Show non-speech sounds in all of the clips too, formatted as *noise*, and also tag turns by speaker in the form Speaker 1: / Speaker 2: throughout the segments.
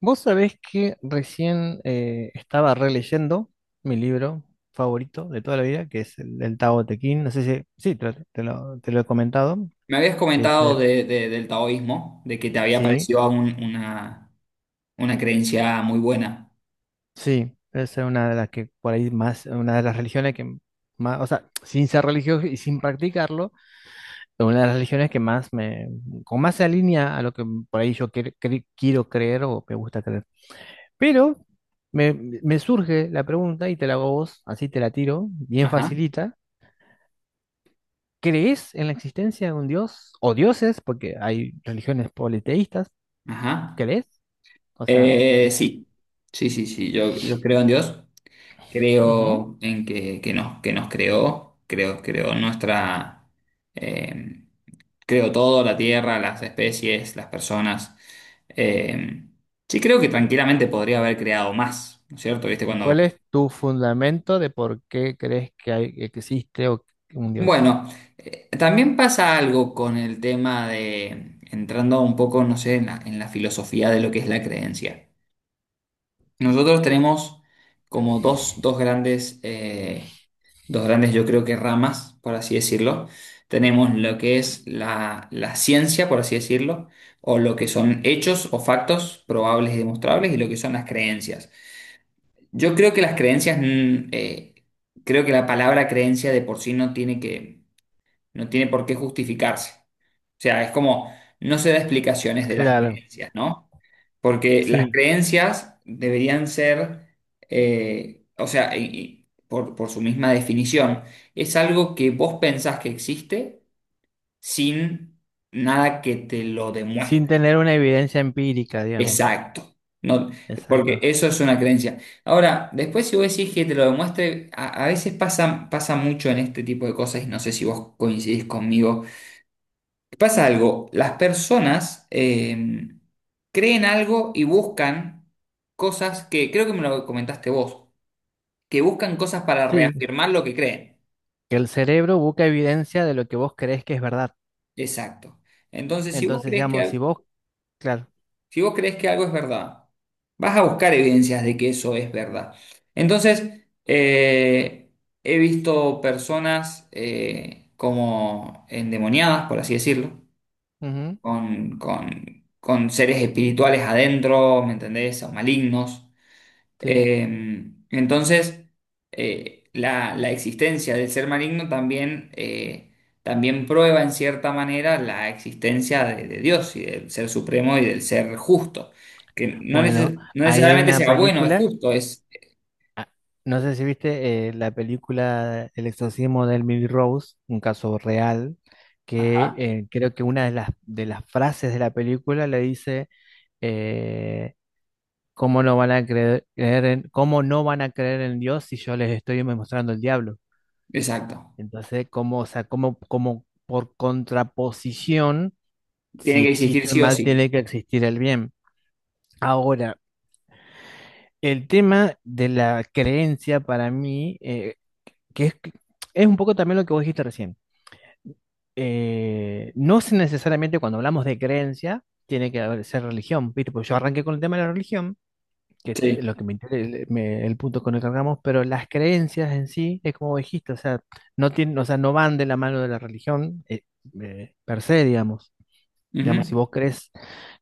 Speaker 1: Vos sabés que recién estaba releyendo mi libro favorito de toda la vida, que es el Tao Te Ching. No sé si, sí, te lo he comentado,
Speaker 2: Me habías
Speaker 1: que es
Speaker 2: comentado
Speaker 1: el-
Speaker 2: del taoísmo, de que te había
Speaker 1: sí,
Speaker 2: parecido una creencia muy buena.
Speaker 1: sí, es una de las que por ahí más, una de las religiones que más, o sea, sin ser religioso y sin practicarlo, es una de las religiones que más me, con más se alinea a lo que por ahí yo quiero creer o me gusta creer. Pero me, me surge la pregunta y te la hago a vos, así te la tiro, bien
Speaker 2: Ajá,
Speaker 1: facilita. ¿Crees en la existencia de un dios o dioses? Porque hay religiones politeístas.
Speaker 2: ajá.
Speaker 1: ¿Crees? O sea, eso.
Speaker 2: Sí, sí, sí, sí. Yo creo en Dios,
Speaker 1: Ujú.
Speaker 2: creo en que nos creó, creo nuestra, eh, creo todo, la tierra, las especies, las personas. Eh, sí, creo que tranquilamente podría haber creado más, ¿no es cierto? ¿Viste?
Speaker 1: ¿Y
Speaker 2: Cuando
Speaker 1: cuál es tu fundamento de por qué crees que que existe que un dios?
Speaker 2: Bueno, también pasa algo con el tema de, entrando un poco, no sé, en la filosofía de lo que es la creencia. Nosotros tenemos como dos grandes, dos grandes, yo creo que ramas, por así decirlo. Tenemos lo que es la ciencia, por así decirlo, o lo que son hechos o factos probables y demostrables, y lo que son las creencias. Yo creo que las creencias, creo que la palabra creencia de por sí no tiene que no tiene por qué justificarse. O sea, es como, no se da explicaciones de las
Speaker 1: Claro,
Speaker 2: creencias, ¿no? Porque las
Speaker 1: sí,
Speaker 2: creencias deberían ser, o sea, y por su misma definición, es algo que vos pensás que existe sin nada que te lo
Speaker 1: sin
Speaker 2: demuestre.
Speaker 1: tener una evidencia empírica, digamos.
Speaker 2: Exacto. No, porque
Speaker 1: Exacto.
Speaker 2: eso es una creencia. Ahora, después si vos decís que te lo demuestre, a veces pasa, pasa mucho en este tipo de cosas y no sé si vos coincidís conmigo. Pasa algo, las personas creen algo y buscan cosas que, creo que me lo comentaste vos, que buscan cosas para
Speaker 1: Sí,
Speaker 2: reafirmar lo que creen.
Speaker 1: que el cerebro busca evidencia de lo que vos crees que es verdad.
Speaker 2: Exacto. Entonces, si vos
Speaker 1: Entonces,
Speaker 2: crees que,
Speaker 1: digamos, si vos, claro.
Speaker 2: algo es verdad, vas a buscar evidencias de que eso es verdad. Entonces, he visto personas como endemoniadas, por así decirlo,
Speaker 1: Ujú.
Speaker 2: con, con seres espirituales adentro, ¿me entendés? O malignos.
Speaker 1: Sí.
Speaker 2: Eh, entonces, la existencia del ser maligno también, también prueba en cierta manera la existencia de Dios y del ser supremo y del ser justo, que no,
Speaker 1: Bueno,
Speaker 2: no
Speaker 1: ahí hay
Speaker 2: necesariamente
Speaker 1: una
Speaker 2: sea bueno, es
Speaker 1: película.
Speaker 2: justo, es.
Speaker 1: Ah, no sé si viste la película El exorcismo de Emily Rose, un caso real, que
Speaker 2: Ajá.
Speaker 1: creo que una de de las frases de la película le dice, eh, ¿cómo no van a creer cómo no van a creer en Dios si yo les estoy mostrando el diablo?
Speaker 2: Exacto.
Speaker 1: Entonces, como, o sea, como, como por contraposición,
Speaker 2: Tiene
Speaker 1: si
Speaker 2: que existir
Speaker 1: existe el
Speaker 2: sí o
Speaker 1: mal,
Speaker 2: sí.
Speaker 1: tiene que existir el bien. Ahora, el tema de la creencia para mí que es un poco también lo que vos dijiste recién. No es necesariamente cuando hablamos de creencia, tiene que ser religión, ¿viste? Porque yo arranqué con el tema de la religión, que
Speaker 2: Sí.
Speaker 1: es lo que me, el punto con el que arrancamos, pero las creencias en sí, es como vos dijiste, o sea, no tienen, o sea, no van de la mano de la religión per se, digamos.
Speaker 2: Ujú.
Speaker 1: Digamos, si vos crees,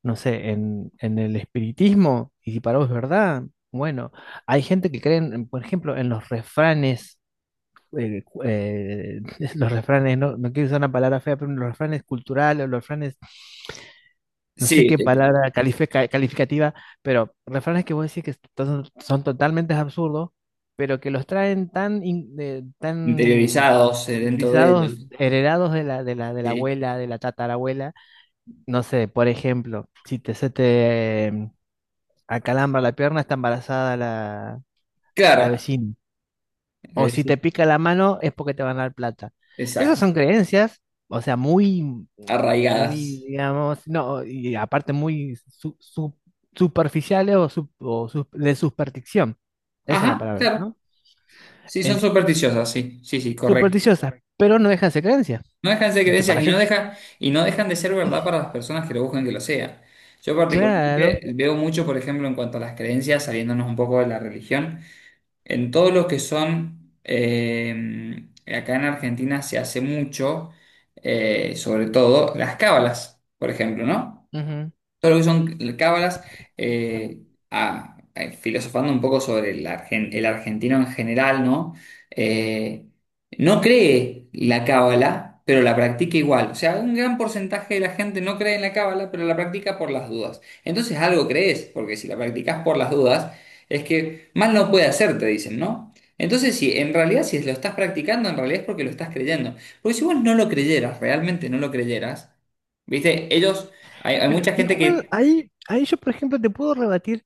Speaker 1: no sé, en el espiritismo, y si para vos es verdad, bueno, hay gente que cree, por ejemplo, en los refranes eh, cu- eh, *laughs* los refranes, no, no quiero usar una palabra fea, pero los refranes culturales, los refranes, no sé
Speaker 2: Sí,
Speaker 1: qué palabra calificativa, pero refranes que vos decís que son, son totalmente absurdos, pero que los traen tan, tan
Speaker 2: interiorizados dentro de
Speaker 1: utilizados,
Speaker 2: ellos.
Speaker 1: heredados de de la
Speaker 2: Sí.
Speaker 1: abuela, de la tatarabuela. No sé, por ejemplo, si se te acalambra la pierna, está embarazada la
Speaker 2: Claro.
Speaker 1: vecina, o si te pica la mano es porque te van a dar plata. Esas
Speaker 2: Exacto.
Speaker 1: son creencias, o sea, muy, muy,
Speaker 2: Arraigadas.
Speaker 1: digamos, no, y aparte muy superficiales o de superstición. Esa es la
Speaker 2: Ajá,
Speaker 1: palabra,
Speaker 2: claro.
Speaker 1: ¿no?
Speaker 2: Sí, son
Speaker 1: En-
Speaker 2: supersticiosas, sí, sí, sí, correcto.
Speaker 1: Supersticiosas, pero no dejan de ser creencias.
Speaker 2: No dejan de ser
Speaker 1: Que para
Speaker 2: creencias y no
Speaker 1: gente,
Speaker 2: deja, y no dejan de ser verdad para las personas que lo buscan que lo sea. Yo particularmente
Speaker 1: claro.
Speaker 2: veo mucho, por ejemplo, en cuanto a las creencias, saliéndonos un poco de la religión, en todo lo que son, acá en Argentina se hace mucho, sobre todo las cábalas, por ejemplo, ¿no?
Speaker 1: Ujú.
Speaker 2: Todo lo que son cábalas, eh, filosofando un poco sobre el argentino en general, ¿no? Eh, no cree la cábala, pero la practica igual. O sea, un gran porcentaje de la gente no cree en la cábala, pero la practica por las dudas. Entonces algo crees, porque si la practicas por las dudas, es que mal no puede hacer, te dicen, ¿no? Entonces, si en realidad, si lo estás practicando, en realidad es porque lo estás creyendo. Porque si vos no lo creyeras, realmente no lo creyeras, ¿viste? Ellos hay
Speaker 1: Pero
Speaker 2: mucha gente
Speaker 1: igual
Speaker 2: que...
Speaker 1: ahí yo, por ejemplo, te puedo rebatir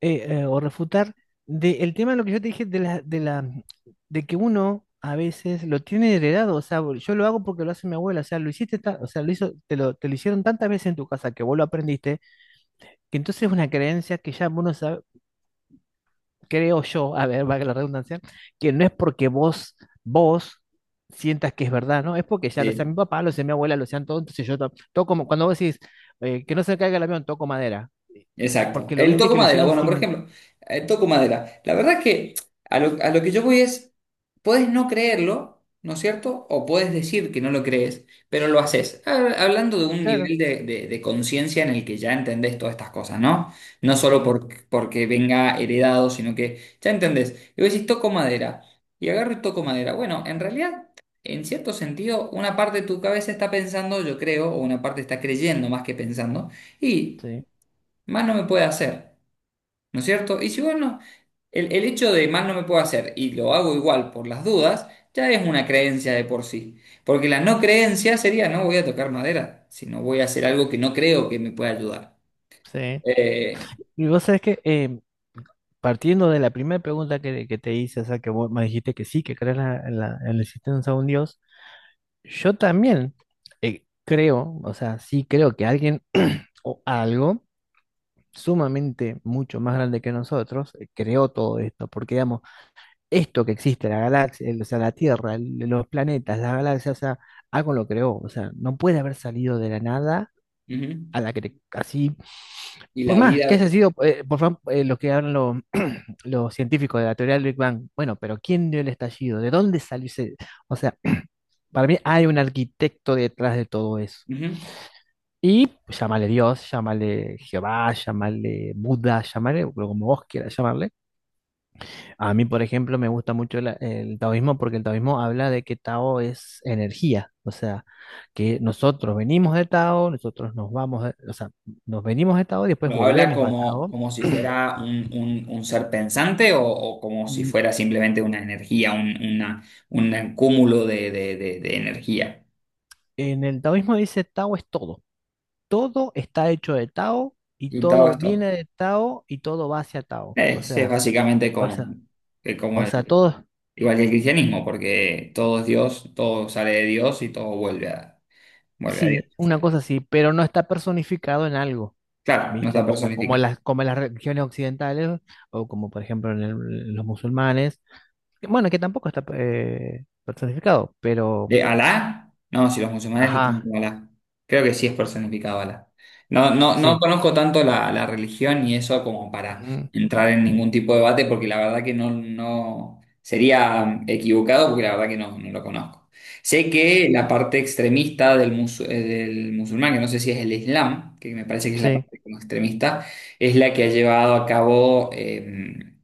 Speaker 1: o refutar de el tema de lo que yo te dije de la de que uno a veces lo tiene heredado, o sea, yo lo hago porque lo hace mi abuela, o sea, o sea, lo hizo, te lo hicieron tantas veces en tu casa que vos lo aprendiste, que entonces es una creencia que ya uno sabe, creo yo, a ver, valga la redundancia, que no es porque vos sientas que es verdad, ¿no? Es porque ya lo sea mi
Speaker 2: Sí.
Speaker 1: papá, lo sea mi abuela, lo sean todos, entonces yo cuando vos decís que no se caiga el avión, toco madera,
Speaker 2: Exacto.
Speaker 1: porque lo
Speaker 2: El
Speaker 1: viste
Speaker 2: toco
Speaker 1: que lo
Speaker 2: madera.
Speaker 1: hicieron
Speaker 2: Bueno, por
Speaker 1: sin,
Speaker 2: ejemplo, el toco madera. La verdad es que a lo que yo voy es, puedes no creerlo, ¿no es cierto? O puedes decir que no lo crees, pero lo haces. Hablando de un
Speaker 1: claro,
Speaker 2: nivel de conciencia en el que ya entendés todas estas cosas, ¿no? No solo
Speaker 1: sí,
Speaker 2: porque venga heredado, sino que ya entendés. Y vos decís, toco madera. Y agarro y toco madera. Bueno, en realidad, en cierto sentido, una parte de tu cabeza está pensando, yo creo, o una parte está creyendo más que pensando. Y
Speaker 1: sí.
Speaker 2: más no me puede hacer, ¿no es cierto? Y si bueno, el hecho de más no me puedo hacer y lo hago igual por las dudas, ya es una creencia de por sí. Porque la no creencia sería no voy a tocar madera, sino voy a hacer algo que no creo que me pueda ayudar.
Speaker 1: Sí.
Speaker 2: Eh,
Speaker 1: Y vos sabés que partiendo de la primera pregunta que te hice, o sea, que vos me dijiste que sí, que crees en en la existencia de un Dios, yo también creo, o sea, sí creo que alguien *clears throat* o algo sumamente mucho más grande que nosotros creó todo esto, porque digamos, esto que existe, la galaxia, o sea, la Tierra, los planetas, las galaxias, o sea, algo lo creó, o sea, no puede haber salido de la nada
Speaker 2: Ujú.
Speaker 1: a la que así,
Speaker 2: Y
Speaker 1: por
Speaker 2: la
Speaker 1: más que
Speaker 2: vida,
Speaker 1: haya sido, por favor, los que hablan los científicos de la teoría del Big Bang, bueno, pero ¿quién dio el estallido? ¿De dónde salió ese? O sea, *clears throat* para mí hay un arquitecto detrás de todo eso.
Speaker 2: ujú,
Speaker 1: Y llámale Dios, llámale Jehová, llámale Buda, llámale o como vos quieras llamarle. A mí, por ejemplo, me gusta mucho el taoísmo porque el taoísmo habla de que Tao es energía, o sea, que nosotros venimos de Tao, nosotros nos vamos, o sea, nos venimos de Tao y después
Speaker 2: lo habla
Speaker 1: volvemos a
Speaker 2: como,
Speaker 1: Tao.
Speaker 2: como si
Speaker 1: *clears throat*
Speaker 2: fuera un, un ser pensante o como si
Speaker 1: Mm,
Speaker 2: fuera simplemente una energía, un, un cúmulo de energía.
Speaker 1: en el taoísmo dice Tao es todo. Todo está hecho de Tao y
Speaker 2: Y todo
Speaker 1: todo viene
Speaker 2: esto.
Speaker 1: de Tao y todo va hacia Tao. O
Speaker 2: Es
Speaker 1: sea,
Speaker 2: básicamente
Speaker 1: o
Speaker 2: como,
Speaker 1: sea,
Speaker 2: que como
Speaker 1: todo,
Speaker 2: igual que el cristianismo, porque todo es Dios, todo sale de Dios y todo vuelve a, Dios.
Speaker 1: sí, una cosa así, pero no está personificado en algo,
Speaker 2: Claro, no está
Speaker 1: ¿viste? Como,
Speaker 2: personificado.
Speaker 1: como las religiones occidentales o como por ejemplo los musulmanes, que, bueno, que tampoco está personificado, pero,
Speaker 2: ¿Alá? No, si los musulmanes le tienen
Speaker 1: ajá,
Speaker 2: como Alá. Creo que sí es personificado Alá. No, no, no
Speaker 1: sí,
Speaker 2: conozco tanto la religión y eso como para
Speaker 1: ujú,
Speaker 2: entrar en ningún tipo de debate, porque la verdad que no sería equivocado, porque la verdad que no lo conozco. Sé que la parte extremista del musulmán, que no sé si es el Islam, que me parece que es la
Speaker 1: sí.
Speaker 2: parte como extremista, es la que ha llevado a cabo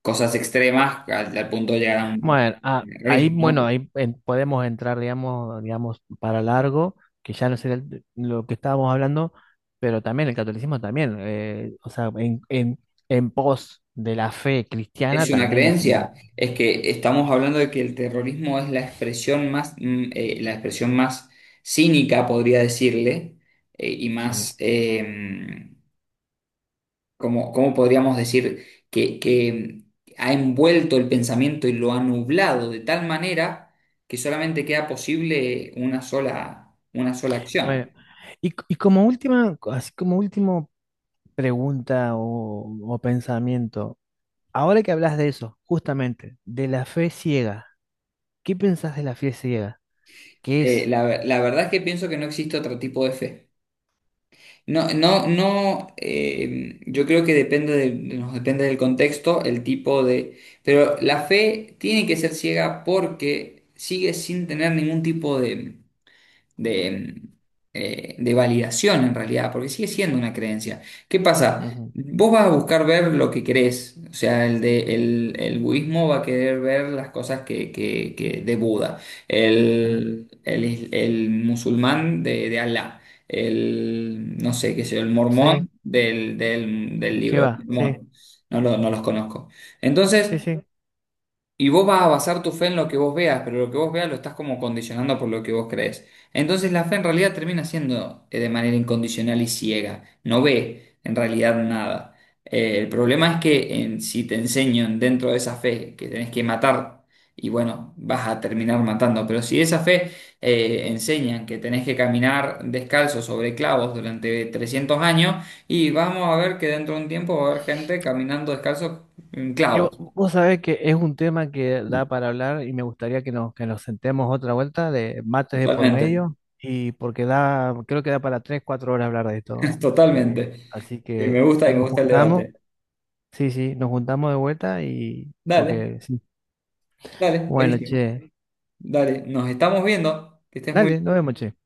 Speaker 2: cosas extremas al punto de llegar a un terrorismo, ¿no?
Speaker 1: Bueno, ahí podemos entrar, digamos, digamos, para largo, que ya no sería lo que estábamos hablando, pero también el catolicismo también, o sea, en pos de la fe cristiana
Speaker 2: Es una
Speaker 1: también hizo un
Speaker 2: creencia,
Speaker 1: montón.
Speaker 2: es que estamos hablando de que el terrorismo es la expresión más cínica, podría decirle, y
Speaker 1: Sí.
Speaker 2: más, como, ¿cómo podríamos decir? Que ha envuelto el pensamiento y lo ha nublado de tal manera que solamente queda posible una sola
Speaker 1: Bueno,
Speaker 2: acción.
Speaker 1: y como última, así como último pregunta o pensamiento, ahora que hablas de eso, justamente, de la fe ciega, ¿qué pensás de la fe ciega? ¿Qué
Speaker 2: Eh,
Speaker 1: es?
Speaker 2: la, la verdad es que pienso que no existe otro tipo de fe. No, no, no, yo creo que nos depende del contexto, el tipo de... Pero la fe tiene que ser ciega porque sigue sin tener ningún tipo de de, de validación en realidad, porque sigue siendo una creencia. ¿Qué pasa?
Speaker 1: Ujú,
Speaker 2: Vos vas a buscar ver lo que querés, o sea, el budismo va a querer ver las cosas de Buda,
Speaker 1: ujú.
Speaker 2: el musulmán de Alá, no sé qué sé yo, el
Speaker 1: Sí,
Speaker 2: mormón del
Speaker 1: ¿de qué
Speaker 2: libro de
Speaker 1: va? Sí.
Speaker 2: Mormón, no, no los conozco.
Speaker 1: Sí,
Speaker 2: Entonces,
Speaker 1: sí.
Speaker 2: y vos vas a basar tu fe en lo que vos veas, pero lo que vos veas lo estás como condicionando por lo que vos crees. Entonces la fe en realidad termina siendo de manera incondicional y ciega. No ve en realidad nada. El problema es que si te enseño dentro de esa fe que tenés que matar, y bueno, vas a terminar matando. Pero si esa fe enseñan que tenés que caminar descalzo sobre clavos durante 300 años, y vamos a ver que dentro de un tiempo va a haber gente caminando descalzo en
Speaker 1: Y
Speaker 2: clavos,
Speaker 1: vos, sabés que es un tema que da para hablar y me gustaría que que nos sentemos otra vuelta de mates de por
Speaker 2: totalmente.
Speaker 1: medio y porque da, creo que da para 3, 4 horas hablar de esto. Eh,
Speaker 2: Totalmente.
Speaker 1: así que
Speaker 2: Y me
Speaker 1: nos
Speaker 2: gusta el
Speaker 1: juntamos,
Speaker 2: debate.
Speaker 1: sí, sí, nos juntamos de vuelta y
Speaker 2: Dale,
Speaker 1: porque, sí.
Speaker 2: dale,
Speaker 1: Bueno,
Speaker 2: buenísimo.
Speaker 1: che,
Speaker 2: Dale, nos estamos viendo. Que estés muy
Speaker 1: dale, nos
Speaker 2: bien.
Speaker 1: vemos, che.